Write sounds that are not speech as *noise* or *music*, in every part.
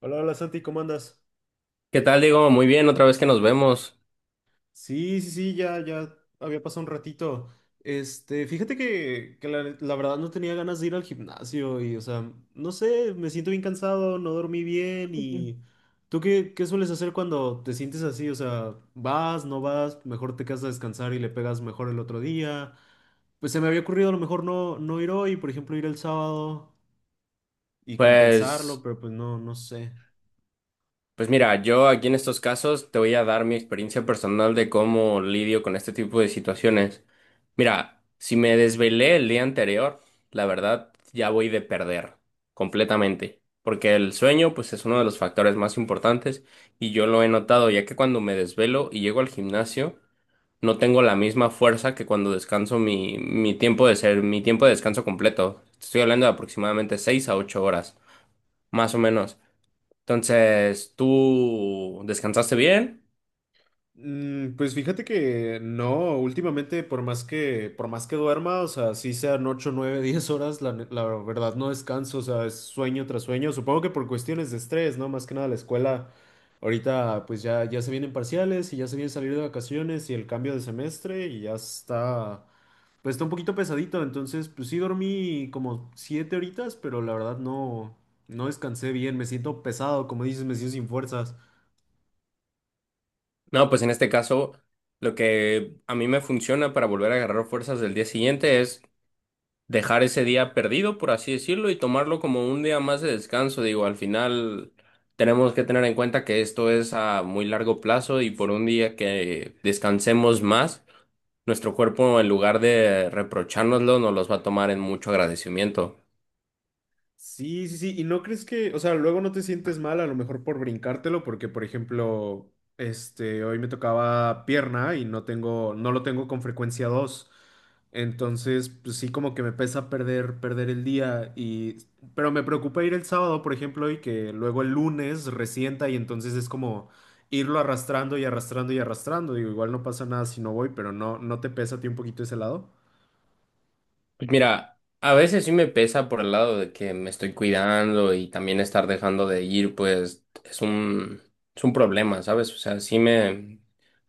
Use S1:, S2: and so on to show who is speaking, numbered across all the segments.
S1: Hola, hola Santi, ¿cómo andas?
S2: ¿Qué tal, Diego? Muy bien, otra vez que nos vemos.
S1: Sí, sí, sí, ya había pasado un ratito. Este, fíjate que la verdad no tenía ganas de ir al gimnasio y, o sea, no sé, me siento bien cansado, no dormí bien
S2: Ujú.
S1: y. ¿Tú qué sueles hacer cuando te sientes así? O sea, vas, no vas, mejor te quedas a descansar y le pegas mejor el otro día. Pues se me había ocurrido a lo mejor no ir hoy, por ejemplo, ir el sábado y compensarlo,
S2: Pues,
S1: pero pues no sé.
S2: pues mira, yo aquí en estos casos te voy a dar mi experiencia personal de cómo lidio con este tipo de situaciones. Mira, si me desvelé el día anterior, la verdad ya voy de perder completamente, porque el sueño pues es uno de los factores más importantes y yo lo he notado, ya que cuando me desvelo y llego al gimnasio no tengo la misma fuerza que cuando descanso mi tiempo de descanso completo. Estoy hablando de aproximadamente 6 a 8 horas, más o menos. Entonces, ¿tú descansaste bien?
S1: Pues fíjate que no, últimamente por más que duerma, o sea, sí sean 8 9 *laughs* 10 horas, la verdad no descanso, o sea, es sueño tras sueño, supongo que por cuestiones de estrés, ¿no? Más que nada la escuela, ahorita pues ya se vienen parciales y ya se viene salir de vacaciones y el cambio de semestre y ya está, pues está un poquito pesadito, entonces pues sí dormí como 7 horitas, pero la verdad no descansé bien, me siento pesado, como dices, me siento sin fuerzas.
S2: No, pues en este caso, lo que a mí me funciona para volver a agarrar fuerzas del día siguiente es dejar ese día perdido, por así decirlo, y tomarlo como un día más de descanso. Digo, al final tenemos que tener en cuenta que esto es a muy largo plazo y por un día que descansemos más, nuestro cuerpo en lugar de reprochárnoslo, nos los va a tomar en mucho agradecimiento.
S1: Sí, sí, sí. ¿Y no crees que, o sea, luego no te sientes mal a lo mejor por brincártelo? Porque, por ejemplo, este, hoy me tocaba pierna y no lo tengo con frecuencia dos. Entonces, pues sí, como que me pesa perder el día. Pero me preocupa ir el sábado, por ejemplo, y que luego el lunes resienta y entonces es como irlo arrastrando y arrastrando y arrastrando. Digo, igual no pasa nada si no voy, pero no, ¿no te pesa a ti un poquito ese lado?
S2: Pues mira, a veces sí me pesa por el lado de que me estoy cuidando y también estar dejando de ir, pues es un problema, ¿sabes? O sea, sí me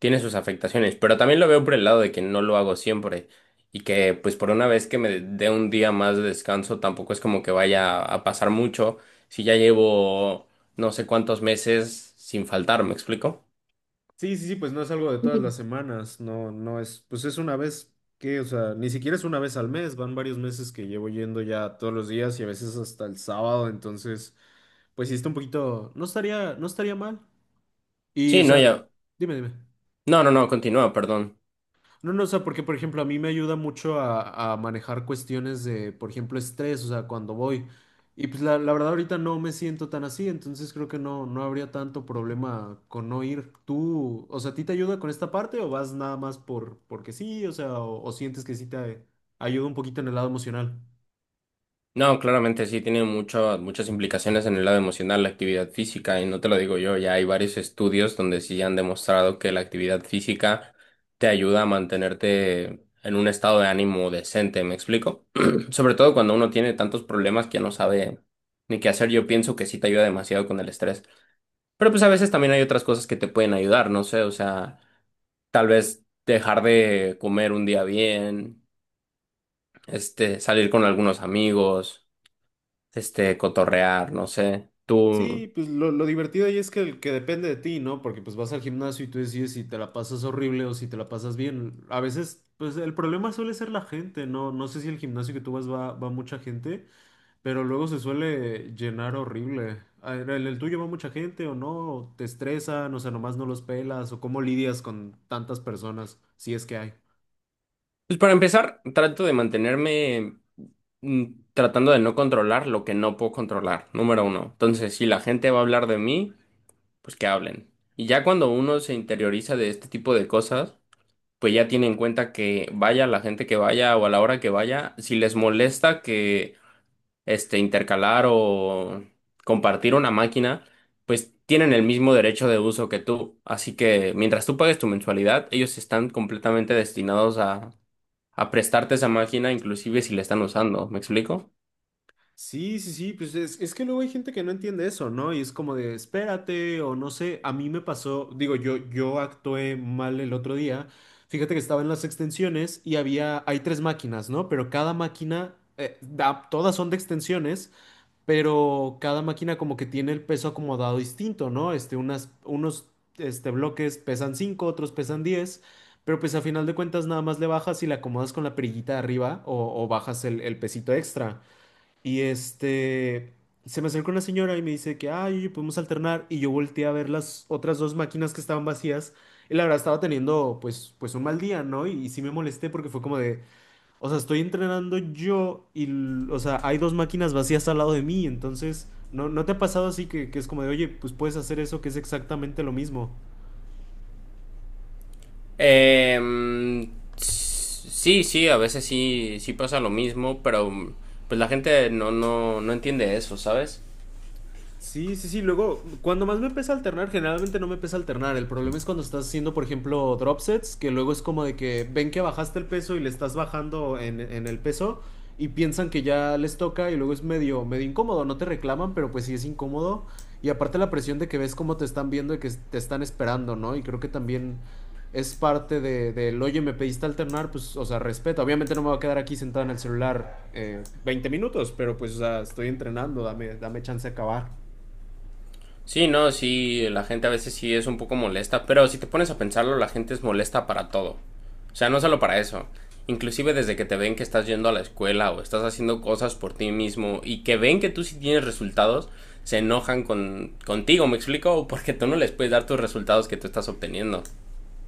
S2: tiene sus afectaciones, pero también lo veo por el lado de que no lo hago siempre y que pues por una vez que me dé un día más de descanso tampoco es como que vaya a pasar mucho si ya llevo no sé cuántos meses sin faltar, ¿me explico?
S1: Sí, sí, sí, pues no es algo de todas
S2: Ujú.
S1: las semanas, no es, pues es una vez que, o sea, ni siquiera es una vez al mes, van varios meses que llevo yendo ya todos los días y a veces hasta el sábado. Entonces, pues sí está un poquito, no estaría mal. Y, o
S2: Sí, no,
S1: sea,
S2: ya.
S1: dime, dime.
S2: No, no, no, continúa, perdón.
S1: No, no, o sea, porque por ejemplo a mí me ayuda mucho a manejar cuestiones de, por ejemplo, estrés, o sea, cuando voy. Y pues la verdad ahorita no me siento tan así, entonces creo que no habría tanto problema con no ir. ¿Tú, o sea, a ti te ayuda con esta parte o vas nada más porque sí, o sea, o sientes que sí te ayuda un poquito en el lado emocional?
S2: No, claramente sí, tiene muchas implicaciones en el lado emocional la actividad física, y no te lo digo yo, ya hay varios estudios donde sí han demostrado que la actividad física te ayuda a mantenerte en un estado de ánimo decente, ¿me explico? *clears throat* Sobre todo cuando uno tiene tantos problemas que ya no sabe ni qué hacer, yo pienso que sí te ayuda demasiado con el estrés. Pero pues a veces también hay otras cosas que te pueden ayudar, no sé, o sea, tal vez dejar de comer un día bien, salir con algunos amigos cotorrear, no sé. Tú,
S1: Sí, pues lo divertido ahí es que, que depende de ti, ¿no? Porque pues vas al gimnasio y tú decides si te la pasas horrible o si te la pasas bien. A veces, pues el problema suele ser la gente, ¿no? No sé si el gimnasio que tú vas va mucha gente, pero luego se suele llenar horrible. A ver, ¿el tuyo va mucha gente o no? ¿O ¿Te estresan? O sea, nomás no los pelas. ¿O cómo lidias con tantas personas, si es que hay?
S2: pues para empezar, trato de mantenerme mm, tratando de no controlar lo que no puedo controlar, número uno. Entonces, si la gente va a hablar de mí, pues que hablen. Y ya cuando uno se interioriza de este tipo de cosas, pues ya tiene en cuenta que vaya la gente que vaya o a la hora que vaya, si les molesta que intercalar o compartir una máquina, pues tienen el mismo derecho de uso que tú. Así que mientras tú pagues tu mensualidad, ellos están completamente destinados a prestarte esa máquina, inclusive si la están usando. ¿Me explico?
S1: Sí, sí, sí, pues es que luego hay gente que no entiende eso, ¿no? Y es como de, espérate, o no sé, a mí me pasó, digo, yo actué mal el otro día, fíjate que estaba en las extensiones y hay tres máquinas, ¿no? Pero cada máquina, todas son de extensiones, pero cada máquina como que tiene el peso acomodado distinto, ¿no? Este, este, bloques pesan 5, otros pesan 10. Pero pues a final de cuentas nada más le bajas y le acomodas con la perillita de arriba o bajas el pesito extra. Y este, se me acerca una señora y me dice que, ay, oye, podemos alternar. Y yo volteé a ver las otras dos máquinas que estaban vacías. Y la verdad estaba teniendo, pues un mal día, ¿no? Y sí me molesté porque fue como de, o sea, estoy entrenando yo o sea, hay dos máquinas vacías al lado de mí. Entonces, ¿no te ha pasado así que es como de, oye, pues puedes hacer eso que es exactamente lo mismo?
S2: Em, sí, sí, a veces sí, sí pasa lo mismo, pero pues la gente no entiende eso, ¿sabes?
S1: Sí, sí, sí. Luego, cuando más me pesa alternar, generalmente no me pesa alternar. El problema es cuando estás haciendo, por ejemplo, drop sets, que luego es como de que ven que bajaste el peso y le estás bajando en el peso y piensan que ya les toca y luego es medio, medio incómodo. No te reclaman, pero pues sí es incómodo. Y aparte la presión de que ves cómo te están viendo y que te están esperando, ¿no? Y creo que también es parte del, oye, me pediste alternar, pues, o sea, respeto. Obviamente no me voy a quedar aquí sentado en el celular 20 minutos, pero pues, o sea, estoy entrenando, dame, dame chance de acabar.
S2: Sí, no, sí, la gente a veces sí es un poco molesta, pero si te pones a pensarlo, la gente es molesta para todo. O sea, no solo para eso. Inclusive desde que te ven que estás yendo a la escuela o estás haciendo cosas por ti mismo y que ven que tú sí tienes resultados, se enojan contigo, ¿me explico? Porque tú no les puedes dar tus resultados que tú estás obteniendo.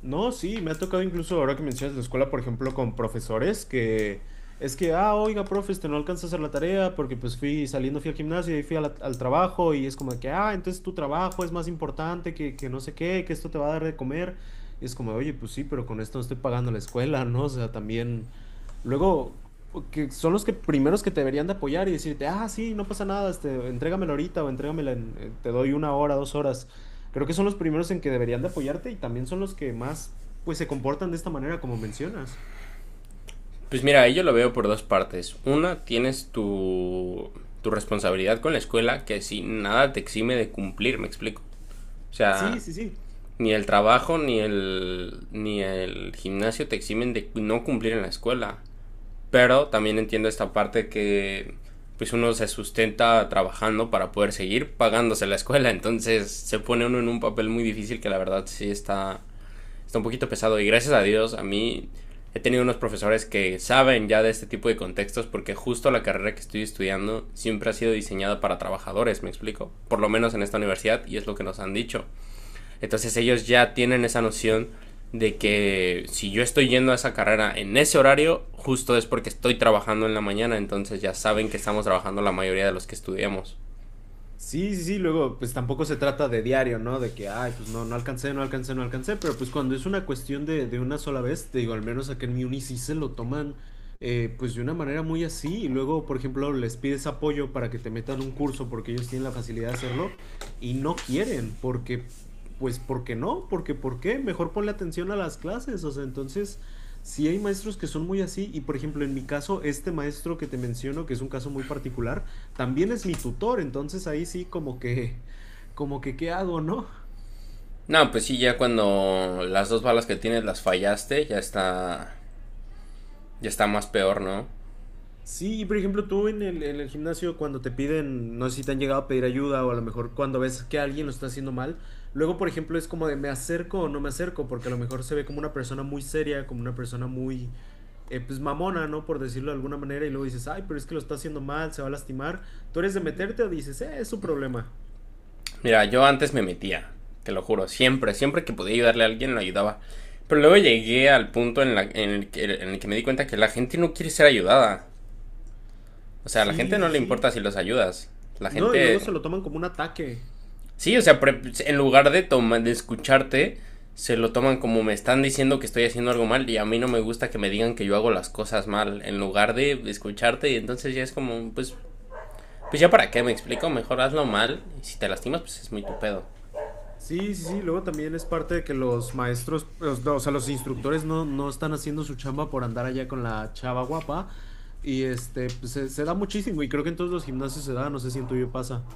S1: No, sí, me ha tocado incluso ahora que mencionas la escuela, por ejemplo, con profesores que es que, ah, oiga, profe, este no alcanza a hacer la tarea porque pues fui saliendo, fui al gimnasio y fui a al trabajo y es como de que, ah, entonces tu trabajo es más importante que no sé qué, que esto te va a dar de comer. Y es como, oye, pues sí, pero con esto no estoy pagando la escuela, ¿no? O sea, también. Luego, que son los que primeros que te deberían de apoyar y decirte, ah, sí, no pasa nada, este, entrégamela ahorita o entrégamela te doy una hora, 2 horas. Creo que son los primeros en que deberían de apoyarte y también son los que más, pues, se comportan de esta manera, como mencionas.
S2: Pues mira, yo lo veo por dos partes. Una, tienes tu responsabilidad con la escuela que si nada te exime de cumplir, ¿me explico? O
S1: Sí,
S2: sea,
S1: sí, sí.
S2: ni el trabajo ni el gimnasio te eximen de no cumplir en la escuela. Pero también entiendo esta parte que pues uno se sustenta trabajando para poder seguir pagándose la escuela, entonces se pone uno en un papel muy difícil que la verdad sí está un poquito pesado y gracias a Dios a mí he tenido unos profesores que saben ya de este tipo de contextos porque justo la carrera que estoy estudiando siempre ha sido diseñada para trabajadores, me explico, por lo menos en esta universidad y es lo que nos han dicho. Entonces ellos ya tienen esa noción de que si yo estoy yendo a esa carrera en ese horario, justo es porque estoy trabajando en la mañana, entonces ya saben que estamos trabajando la mayoría de los que estudiamos.
S1: Sí, sí, sí, luego pues tampoco se trata de diario, ¿no? De que, ay, pues no, no alcancé, no alcancé, no alcancé, pero pues cuando es una cuestión de una sola vez, te digo, al menos acá en mi uni sí se lo toman pues de una manera muy así y luego, por ejemplo, les pides apoyo para que te metan un curso porque ellos tienen la facilidad de hacerlo y no quieren, porque, pues, ¿por qué no? Porque, ¿por qué? Mejor ponle atención a las clases, o sea, entonces. Sí hay maestros que son muy así y por ejemplo en mi caso este maestro que te menciono que es un caso muy particular también es mi tutor, entonces ahí sí como que, *laughs* como que, ¿qué hago, no?
S2: No, pues sí, ya cuando las dos balas que tienes las fallaste, ya está más peor, ¿no?
S1: Sí, y por ejemplo, tú en el gimnasio cuando te piden, no sé si te han llegado a pedir ayuda o a lo mejor cuando ves que alguien lo está haciendo mal, luego, por ejemplo, es como de me acerco o no me acerco, porque a lo mejor se ve como una persona muy seria, como una persona muy, pues mamona, ¿no? Por decirlo de alguna manera, y luego dices, ay, pero es que lo está haciendo mal, se va a lastimar. ¿Tú eres de meterte o dices, es su problema?
S2: Mira, yo antes me metía, te lo juro, siempre, siempre que podía ayudarle a alguien lo ayudaba. Pero luego llegué al punto en el que me di cuenta que la gente no quiere ser ayudada. O sea, a la
S1: Sí,
S2: gente no
S1: sí,
S2: le importa
S1: sí.
S2: si los ayudas. La
S1: No, y luego se
S2: gente.
S1: lo toman como un ataque.
S2: Sí, o sea, en lugar de, de escucharte, se lo toman como me están diciendo que estoy haciendo algo mal y a mí no me gusta que me digan que yo hago las cosas mal, en lugar de escucharte y entonces ya es como, pues, pues ya para qué, me explico, mejor hazlo mal y si te lastimas, pues es muy tu pedo.
S1: Sí, sí, sí, luego también es parte de que los maestros, no, o sea, los instructores no están haciendo su chamba por andar allá con la chava guapa y este, pues, se da muchísimo y creo que en todos los gimnasios se da, no sé si en tuyo pasa.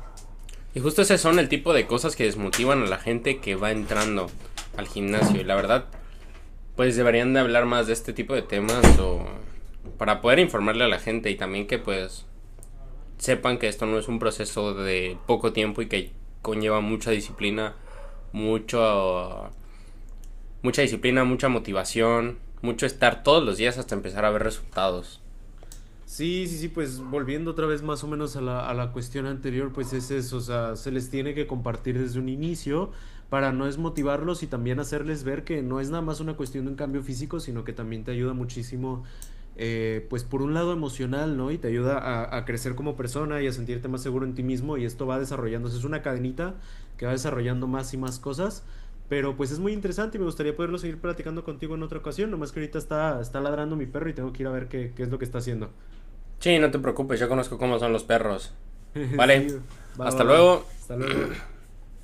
S2: Y justo ese son el tipo de cosas que desmotivan a la gente que va entrando al gimnasio y la verdad, pues deberían de hablar más de este tipo de temas o para poder informarle a la gente y también que pues sepan que esto no es un proceso de poco tiempo y que conlleva mucha disciplina, mucho, mucha disciplina, mucha motivación, mucho estar todos los días hasta empezar a ver resultados.
S1: Sí, sí, sí, pues volviendo otra vez más o menos a la cuestión anterior, pues es eso, o sea, se les tiene que compartir desde un inicio para no desmotivarlos y también hacerles ver que no es nada más una cuestión de un cambio físico, sino que también te ayuda muchísimo, pues por un lado emocional, ¿no? Y te ayuda a crecer como persona y a sentirte más seguro en ti mismo y esto va desarrollándose, es una cadenita que va desarrollando más y más cosas. Pero pues es muy interesante y me gustaría poderlo seguir platicando contigo en otra ocasión, nomás que ahorita está ladrando mi perro y tengo que ir a ver qué, es lo que está haciendo.
S2: Sí, no te preocupes, yo conozco cómo son los perros.
S1: *laughs*
S2: Vale,
S1: Sí, va, va,
S2: hasta
S1: va.
S2: luego.
S1: Hasta luego.